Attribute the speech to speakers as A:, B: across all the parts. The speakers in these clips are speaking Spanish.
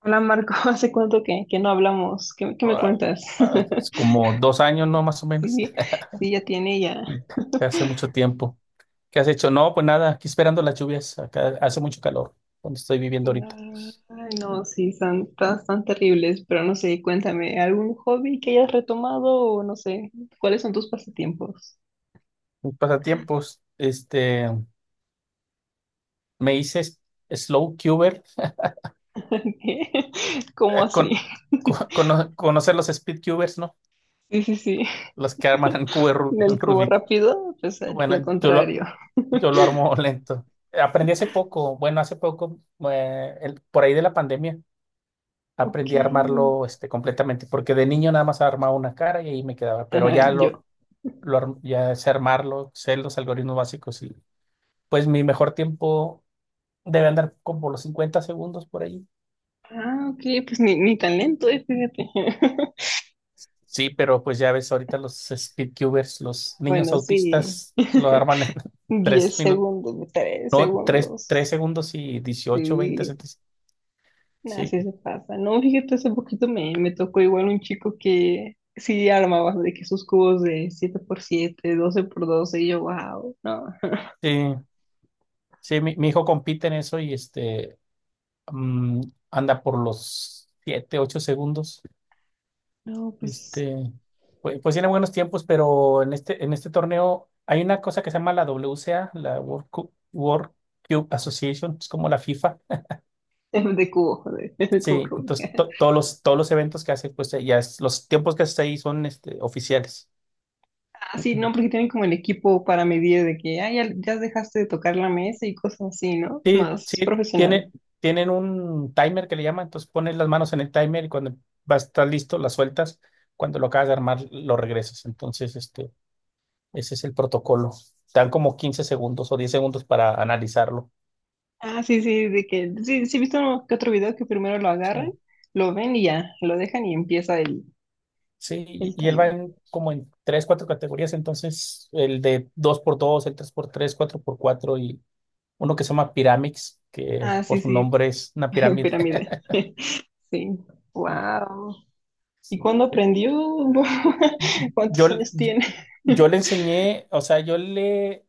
A: Hola Marco, ¿hace cuánto que no hablamos? ¿Qué me
B: Ah,
A: cuentas?
B: es como 2 años, ¿no? Más o menos.
A: Sí, sí, ya tiene ya.
B: Hace mucho tiempo. ¿Qué has hecho? No, pues nada, aquí esperando las lluvias. Acá hace mucho calor, donde estoy viviendo ahorita.
A: Ay, no, sí, son tan terribles, pero no sé, cuéntame, ¿algún hobby que hayas retomado o no sé, cuáles son tus pasatiempos?
B: Mis pasatiempos, me hice slow cuber,
A: ¿Qué? ¿Cómo
B: eh,
A: así?
B: con, conocer los speed cubers, ¿no?
A: Sí, sí, sí.
B: Los que arman en cubo
A: En el cubo
B: Rubik.
A: rápido, pues lo
B: Bueno, yo lo,
A: contrario.
B: yo lo armo lento. Aprendí hace poco, bueno, hace poco, por ahí de la pandemia.
A: Ok.
B: Aprendí a armarlo completamente, porque de niño nada más armaba una cara y ahí me quedaba, pero
A: Ajá, yo.
B: ya sé armarlo, sé los algoritmos básicos y pues mi mejor tiempo debe andar como los 50 segundos por ahí.
A: Ah, ok, pues ni talento, fíjate.
B: Sí, pero pues ya ves ahorita los speedcubers, los niños
A: Bueno, sí.
B: autistas lo arman en 3
A: diez
B: minutos,
A: segundos, 3
B: no, tres
A: segundos.
B: segundos y dieciocho 20
A: Sí,
B: centímetros.
A: nada,
B: Sí,
A: sí se pasa. No, fíjate, hace poquito me tocó igual un chico que sí armaba de que sus cubos de 7x7, 12x12 y yo, wow, no,
B: sí, sí, mi hijo compite en eso y mm, anda por los 7 8 segundos.
A: no, pues
B: Este, pues tiene buenos tiempos, pero en este torneo hay una cosa que se llama la WCA, la World Cup, World Cube Association, es como la FIFA.
A: es de es de cubo
B: Sí,
A: Rubik.
B: entonces todos los eventos que hace, pues los tiempos que hace ahí son oficiales.
A: Ah, sí,
B: Ujú.
A: no, porque tienen como el equipo para medir de que, ah, ya dejaste de tocar la mesa y cosas así, ¿no?
B: Sí,
A: Más
B: sí,
A: profesional.
B: tienen un timer que le llaman, entonces pones las manos en el timer y cuando va a estar listo, las sueltas, cuando lo acabas de armar, lo regresas. Entonces, ese es el protocolo. Dan como 15 segundos o 10 segundos para analizarlo.
A: Ah, sí, sí, de que, sí, sí, he visto uno que otro video que primero lo
B: Sí,
A: agarran, lo ven y ya, lo dejan y empieza el
B: sí, y
A: El
B: y él
A: timer.
B: como en tres, cuatro categorías, entonces el de dos por dos, el tres por tres, cuatro por cuatro y uno que se llama Pyramix, que
A: Ah,
B: por
A: sí,
B: su
A: sí,
B: nombre es una
A: en
B: pirámide.
A: pirámide. Sí.
B: Y-
A: Wow. ¿Y
B: sí,
A: cuándo aprendió?
B: Yo,
A: ¿Cuántos
B: le-
A: años
B: yo,
A: tiene?
B: yo le enseñé, o sea,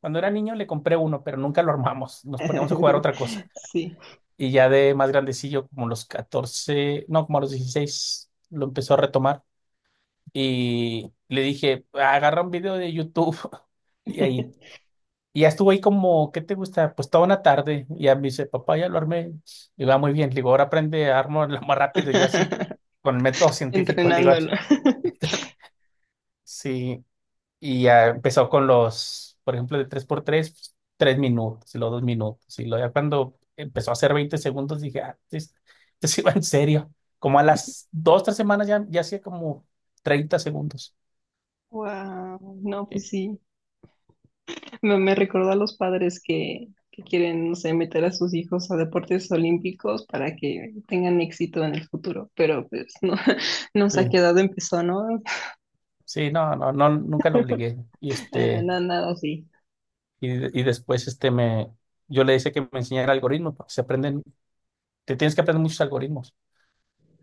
B: cuando era niño le compré uno, pero nunca lo armamos, nos poníamos a jugar otra cosa.
A: Sí.
B: Y ya de más grandecillo, como los 14, no, como a los 16, lo empezó a retomar y le dije, agarra un video de YouTube. Y ahí. Y ya estuvo ahí como, ¿qué te gusta? Pues toda una tarde. Y ya me dice, papá, ya lo armé. Y va muy bien. Le digo, ahora aprende a armarlo más rápido. Yo así, con el método científico, le digo,
A: Entrenándolo.
B: sí. Y ya empezó por ejemplo, de tres por tres pues, 3 minutos, y luego 2 minutos. Y luego ya cuando empezó a hacer 20 segundos, dije, ah, esto sí va en serio. Como a las dos, tres semanas ya hacía como 30 segundos.
A: Wow. No,
B: Sí,
A: pues sí. Me recordó a los padres que quieren, no sé, meter a sus hijos a deportes olímpicos para que tengan éxito en el futuro. Pero pues no, nos ha quedado empezó, ¿no?
B: sí, no, no, no, nunca lo obligué.
A: Nada así.
B: Y después yo le decía que me enseñara algoritmos, porque se aprenden, te tienes que aprender muchos algoritmos.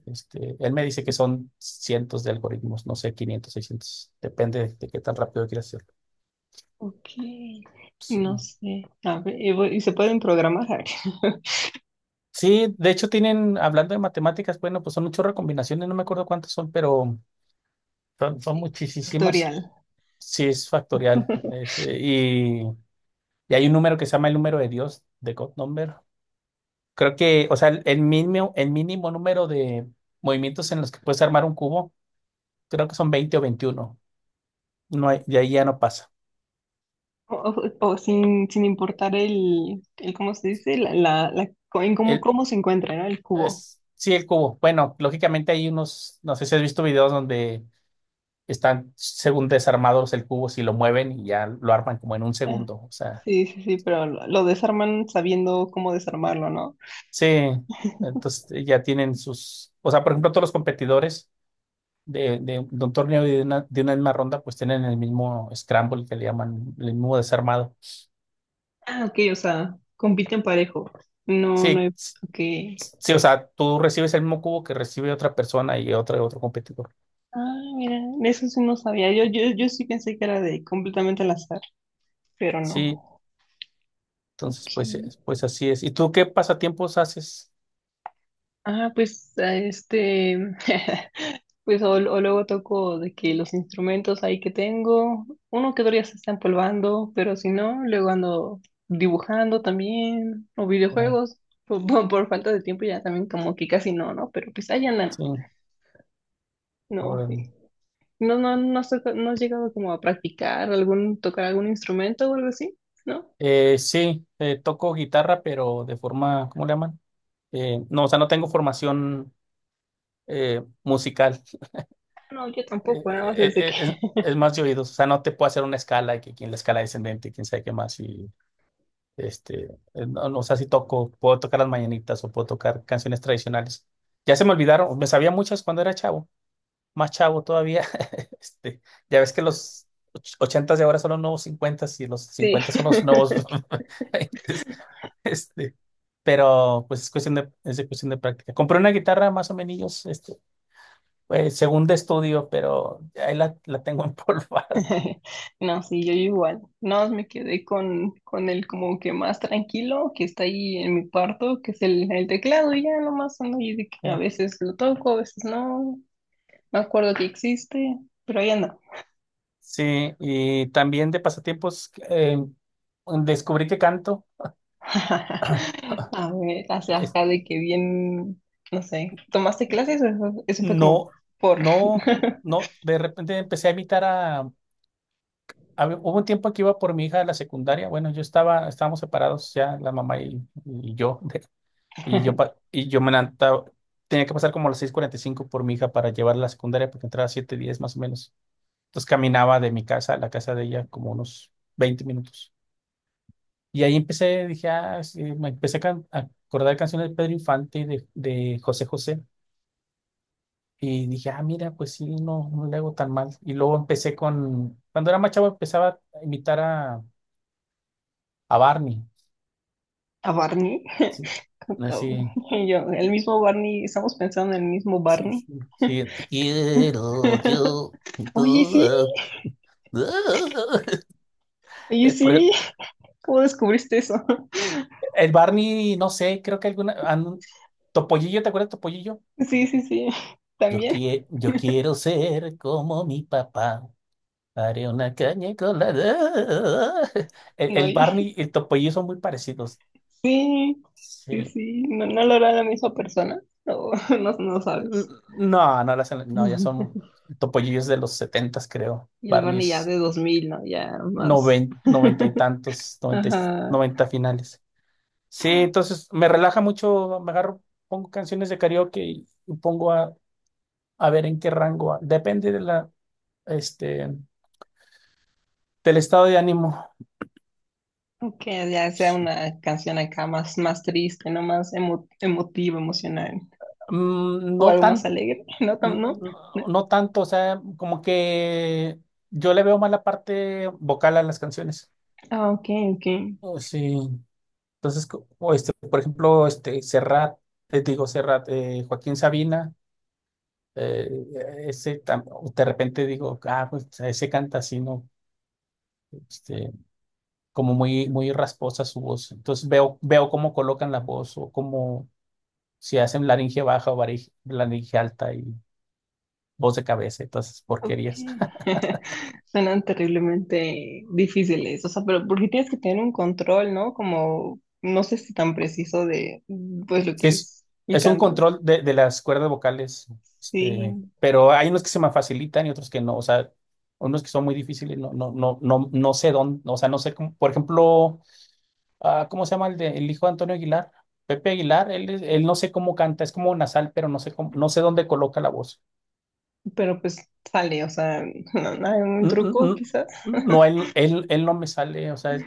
B: Él me dice que son cientos de algoritmos, no sé, 500 seiscientos, depende de qué tan rápido quieras hacerlo.
A: Ok,
B: Sí.
A: no sé. A ver, y y se pueden programar
B: Sí, de hecho tienen, hablando de matemáticas, bueno, pues son un chorro de combinaciones, no me acuerdo cuántas son, pero son
A: ay,
B: muchísimas.
A: factorial.
B: Sí, es factorial. Y hay un número que se llama el número de Dios, de God Number. Creo que, o sea, el mínimo número de movimientos en los que puedes armar un cubo, creo que son 20 o veintiuno. No hay- De ahí ya no pasa.
A: O sin, sin importar ¿cómo se dice? En cómo,
B: El,
A: cómo se encuentra, ¿no? El cubo.
B: sí, el cubo. Bueno, lógicamente hay unos, no sé si has visto videos donde están según desarmados el cubo, si lo mueven y ya lo arman como en un
A: Ah,
B: segundo. O sea,
A: sí, sí, sí, pero lo desarman sabiendo cómo desarmarlo, ¿no?
B: sí, entonces ya tienen o sea, por ejemplo, todos los competidores de un torneo y de una misma ronda, pues tienen el mismo scramble que le llaman, el mismo desarmado.
A: Ah, ok, o sea, compiten parejo. No, no hay...
B: Sí.
A: Ok.
B: Sí, o sea, tú recibes el mismo cubo que recibe otra persona y otra otro competidor.
A: Ah, mira, eso sí no sabía. Yo sí pensé que era de completamente al azar, pero
B: Sí,
A: no. Ok.
B: entonces pues así es. ¿Y tú qué pasatiempos haces?
A: Ah, pues a este, pues o luego toco de que los instrumentos ahí que tengo, uno que todavía se está empolvando, pero si no, luego ando dibujando también, o
B: Ya,
A: videojuegos, por falta de tiempo ya también como que casi no, ¿no? Pero pues ahí andan,
B: sí,
A: no,
B: órale.
A: sí. No, no, no, has no has llegado como a practicar algún, tocar algún instrumento o algo así, ¿no?
B: Sí, toco guitarra, pero de forma, ¿cómo le llaman? No, o sea, no tengo formación musical.
A: No, yo
B: Eh,
A: tampoco, nada más
B: eh,
A: desde que,
B: eh, es, es más de oídos, o sea, no te puedo hacer una escala y que quien la escala descendente, quién sabe qué más y. No, no sé si toco, puedo tocar las mañanitas o puedo tocar canciones tradicionales. Ya se me olvidaron, me sabía muchas cuando era chavo, más chavo todavía. Este, ya ves que los ochentas de ahora son los nuevos cincuentas y los
A: sí.
B: cincuentas son los nuevos veintes. Este, pero pues es cuestión de, es de cuestión de práctica. Compré una guitarra más o menos, pues, según de estudio, pero ahí la tengo empolvada.
A: No, sí, yo igual. No, me quedé con el como que más tranquilo que está ahí en mi cuarto, que es el teclado, y ya nomás ando ahí de que a
B: Ya.
A: veces lo toco, a veces no, me acuerdo que existe, pero ahí anda.
B: Sí, y también de pasatiempos, descubrí que canto.
A: A ver, hacia
B: es-
A: acá de que bien, no sé, ¿tomaste clases o eso fue como
B: no,
A: por
B: no, no, de repente empecé a imitar a. Hubo un tiempo que iba por mi hija a la secundaria, bueno, estábamos separados ya, la mamá y yo, y yo me levantaba, tenía que pasar como a las 6:45 por mi hija para llevarla a la secundaria porque entraba a 7:10 más o menos. Entonces caminaba de mi casa a la casa de ella como unos 20 minutos. Y ahí empecé, dije, ah, sí, me empecé a acordar canciones de Pedro Infante, de José José. Y dije, ah, mira, pues sí, no, no le hago tan mal. Y luego empecé cuando era más chavo empezaba a imitar a Barney.
A: a Barney?
B: Sí,
A: Como-
B: así,
A: y yo, el mismo Barney, estamos pensando en el mismo
B: sí,
A: Barney.
B: sí, sí, te quiero yo. Tú,
A: Oye, sí,
B: ah, ah.
A: oye,
B: Eh, por-
A: sí. ¿Cómo descubriste eso?
B: El Barney, no sé, creo que alguna, Topollillo, ¿te acuerdas de Topollillo?
A: Sí, sí, sí.
B: Yo,
A: También.
B: quie- yo quiero ser como mi papá. Haré una caña con la. El,
A: No,
B: el
A: y-
B: Barney y el Topollillo son muy parecidos.
A: sí, sí,
B: Sí.
A: sí. No, no lo hará la misma persona. No, no, no sabes.
B: No, no, no, ya son topollillos de los setentas, creo.
A: Y el Barney ya
B: Barney's
A: de 2000, ¿no? Ya más.
B: noventa y tantos, noventa,
A: Ajá.
B: noventa finales. Sí, entonces me relaja mucho, me agarro, pongo canciones de karaoke y pongo a ver en qué rango. Depende este, del estado de ánimo.
A: Que ya sea
B: Sí.
A: una canción acá más, más triste, ¿no? Más emotiva, emocional.
B: Mm,
A: O
B: No
A: algo más
B: tan,
A: alegre, ¿no? Tam-
B: n-
A: ¿no?
B: no, no tanto, o sea, como que yo le veo más la parte vocal a las canciones.
A: Ah, ok, ok.
B: Oh, sí. Entonces, por ejemplo, este Serrat, te digo Serrat, Joaquín Sabina, eh, ese tam- de repente digo, ah, pues ese canta así, ¿no? Este, Como muy, muy rasposa su voz. Entonces veo cómo colocan la voz o cómo si hacen laringe baja o laringe alta y voz de cabeza y todas esas
A: Ok.
B: porquerías.
A: Suenan terriblemente difíciles, o sea, pero porque tienes que tener un control, ¿no? Como, no sé si tan preciso de, pues, lo
B: Sí,
A: que
B: es,
A: es el
B: es un
A: canto.
B: control de las cuerdas vocales,
A: Sí,
B: pero hay unos que se me facilitan y otros que no, o sea, unos que son muy difíciles, no, no, no, no, no sé dónde, o sea, no sé cómo, por ejemplo, ah, ¿cómo se llama el hijo de Antonio Aguilar? Pepe Aguilar, él no sé cómo canta, es como nasal, pero no sé cómo, no sé dónde coloca la voz.
A: pero pues sale, o sea, no, no hay un
B: Mm, mm,
A: truco quizás.
B: No, él no me sale, o sea,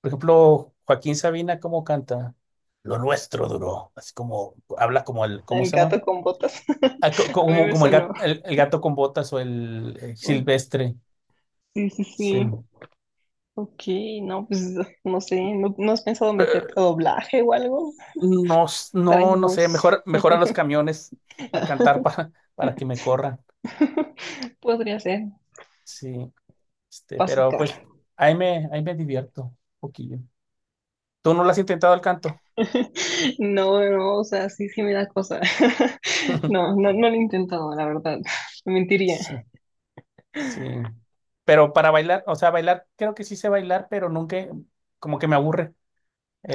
B: por ejemplo, Joaquín Sabina, ¿cómo canta? Lo nuestro duró, así como, habla como el, ¿cómo
A: El
B: se llama?
A: gato con botas.
B: Ah, co-
A: A mí
B: como,
A: me
B: como el
A: sonó
B: gato, el gato con botas o el,
A: como,
B: silvestre.
A: sí, sí, sí.
B: Sí.
A: Ok, no, pues, no sé, ¿no, no has pensado meterte
B: Eh,
A: a doblaje o algo?
B: No,
A: Traes
B: no, no sé,
A: voz.
B: mejor, mejor a los camiones a cantar para que me corran.
A: Podría ser,
B: Sí.
A: para
B: Pero
A: sacar.
B: pues ahí me divierto un poquillo. ¿Tú no lo has intentado el canto?
A: No, no, o sea, sí, sí me da cosa. No, no, no lo he intentado, la verdad. Me
B: Sí,
A: mentiría,
B: sí. Pero para bailar, o sea, bailar, creo que sí sé bailar, pero nunca, como que me aburre.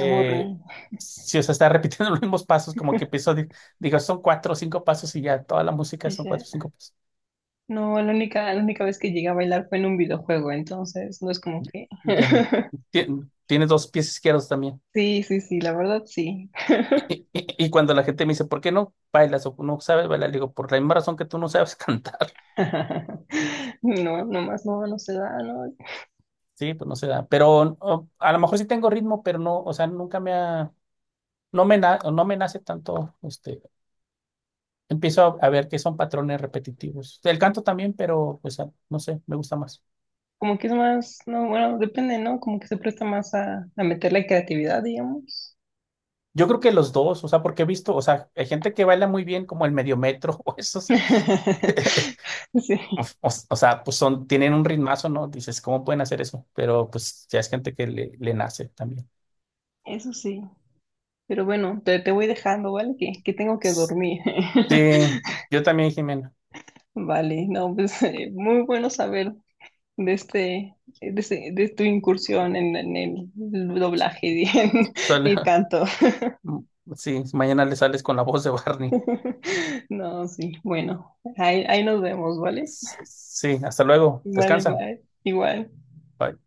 A: aburre.
B: si o sea, está repitiendo los mismos pasos, como que empiezo, digo, son cuatro o cinco pasos y ya, toda la música
A: Y
B: son cuatro
A: ya.
B: o cinco pasos.
A: No, la única vez que llegué a bailar fue en un videojuego, entonces no es como que.
B: Ya, Tiene dos pies izquierdos también.
A: Sí, sí, sí, la verdad sí.
B: Y cuando la gente me dice, ¿por qué no bailas o no sabes bailar? Le digo, por la misma razón que tú no sabes cantar.
A: No, nomás no, no se da, ¿no?
B: Sí, pues no se da. Pero a lo mejor sí tengo ritmo, pero no, o sea, nunca me ha, no me, no me nace tanto, empiezo a ver que son patrones repetitivos. El canto también, pero pues no sé, me gusta más.
A: Como que es más, no, bueno, depende, ¿no? Como que se presta más a meter la creatividad, digamos.
B: Yo creo que los dos, o sea, porque he visto, o sea, hay gente que baila muy bien como el medio metro o esos,
A: Sí,
B: o sea, pues tienen un ritmazo, ¿no? Dices, ¿cómo pueden hacer eso? Pero pues ya es gente que le nace también.
A: eso sí. Pero bueno, te voy dejando, ¿vale? Que tengo que
B: S-
A: dormir.
B: Sí, yo también, Jimena.
A: Vale, no, pues muy bueno saber de este, de tu incursión en el doblaje y, en-
B: Sale-
A: y tanto.
B: sí, mañana le sales con la voz de Barney.
A: No, sí, bueno, ahí, ahí nos vemos, ¿vale?
B: Sí, hasta luego,
A: Vale,
B: descansa.
A: bye, igual.
B: Bye.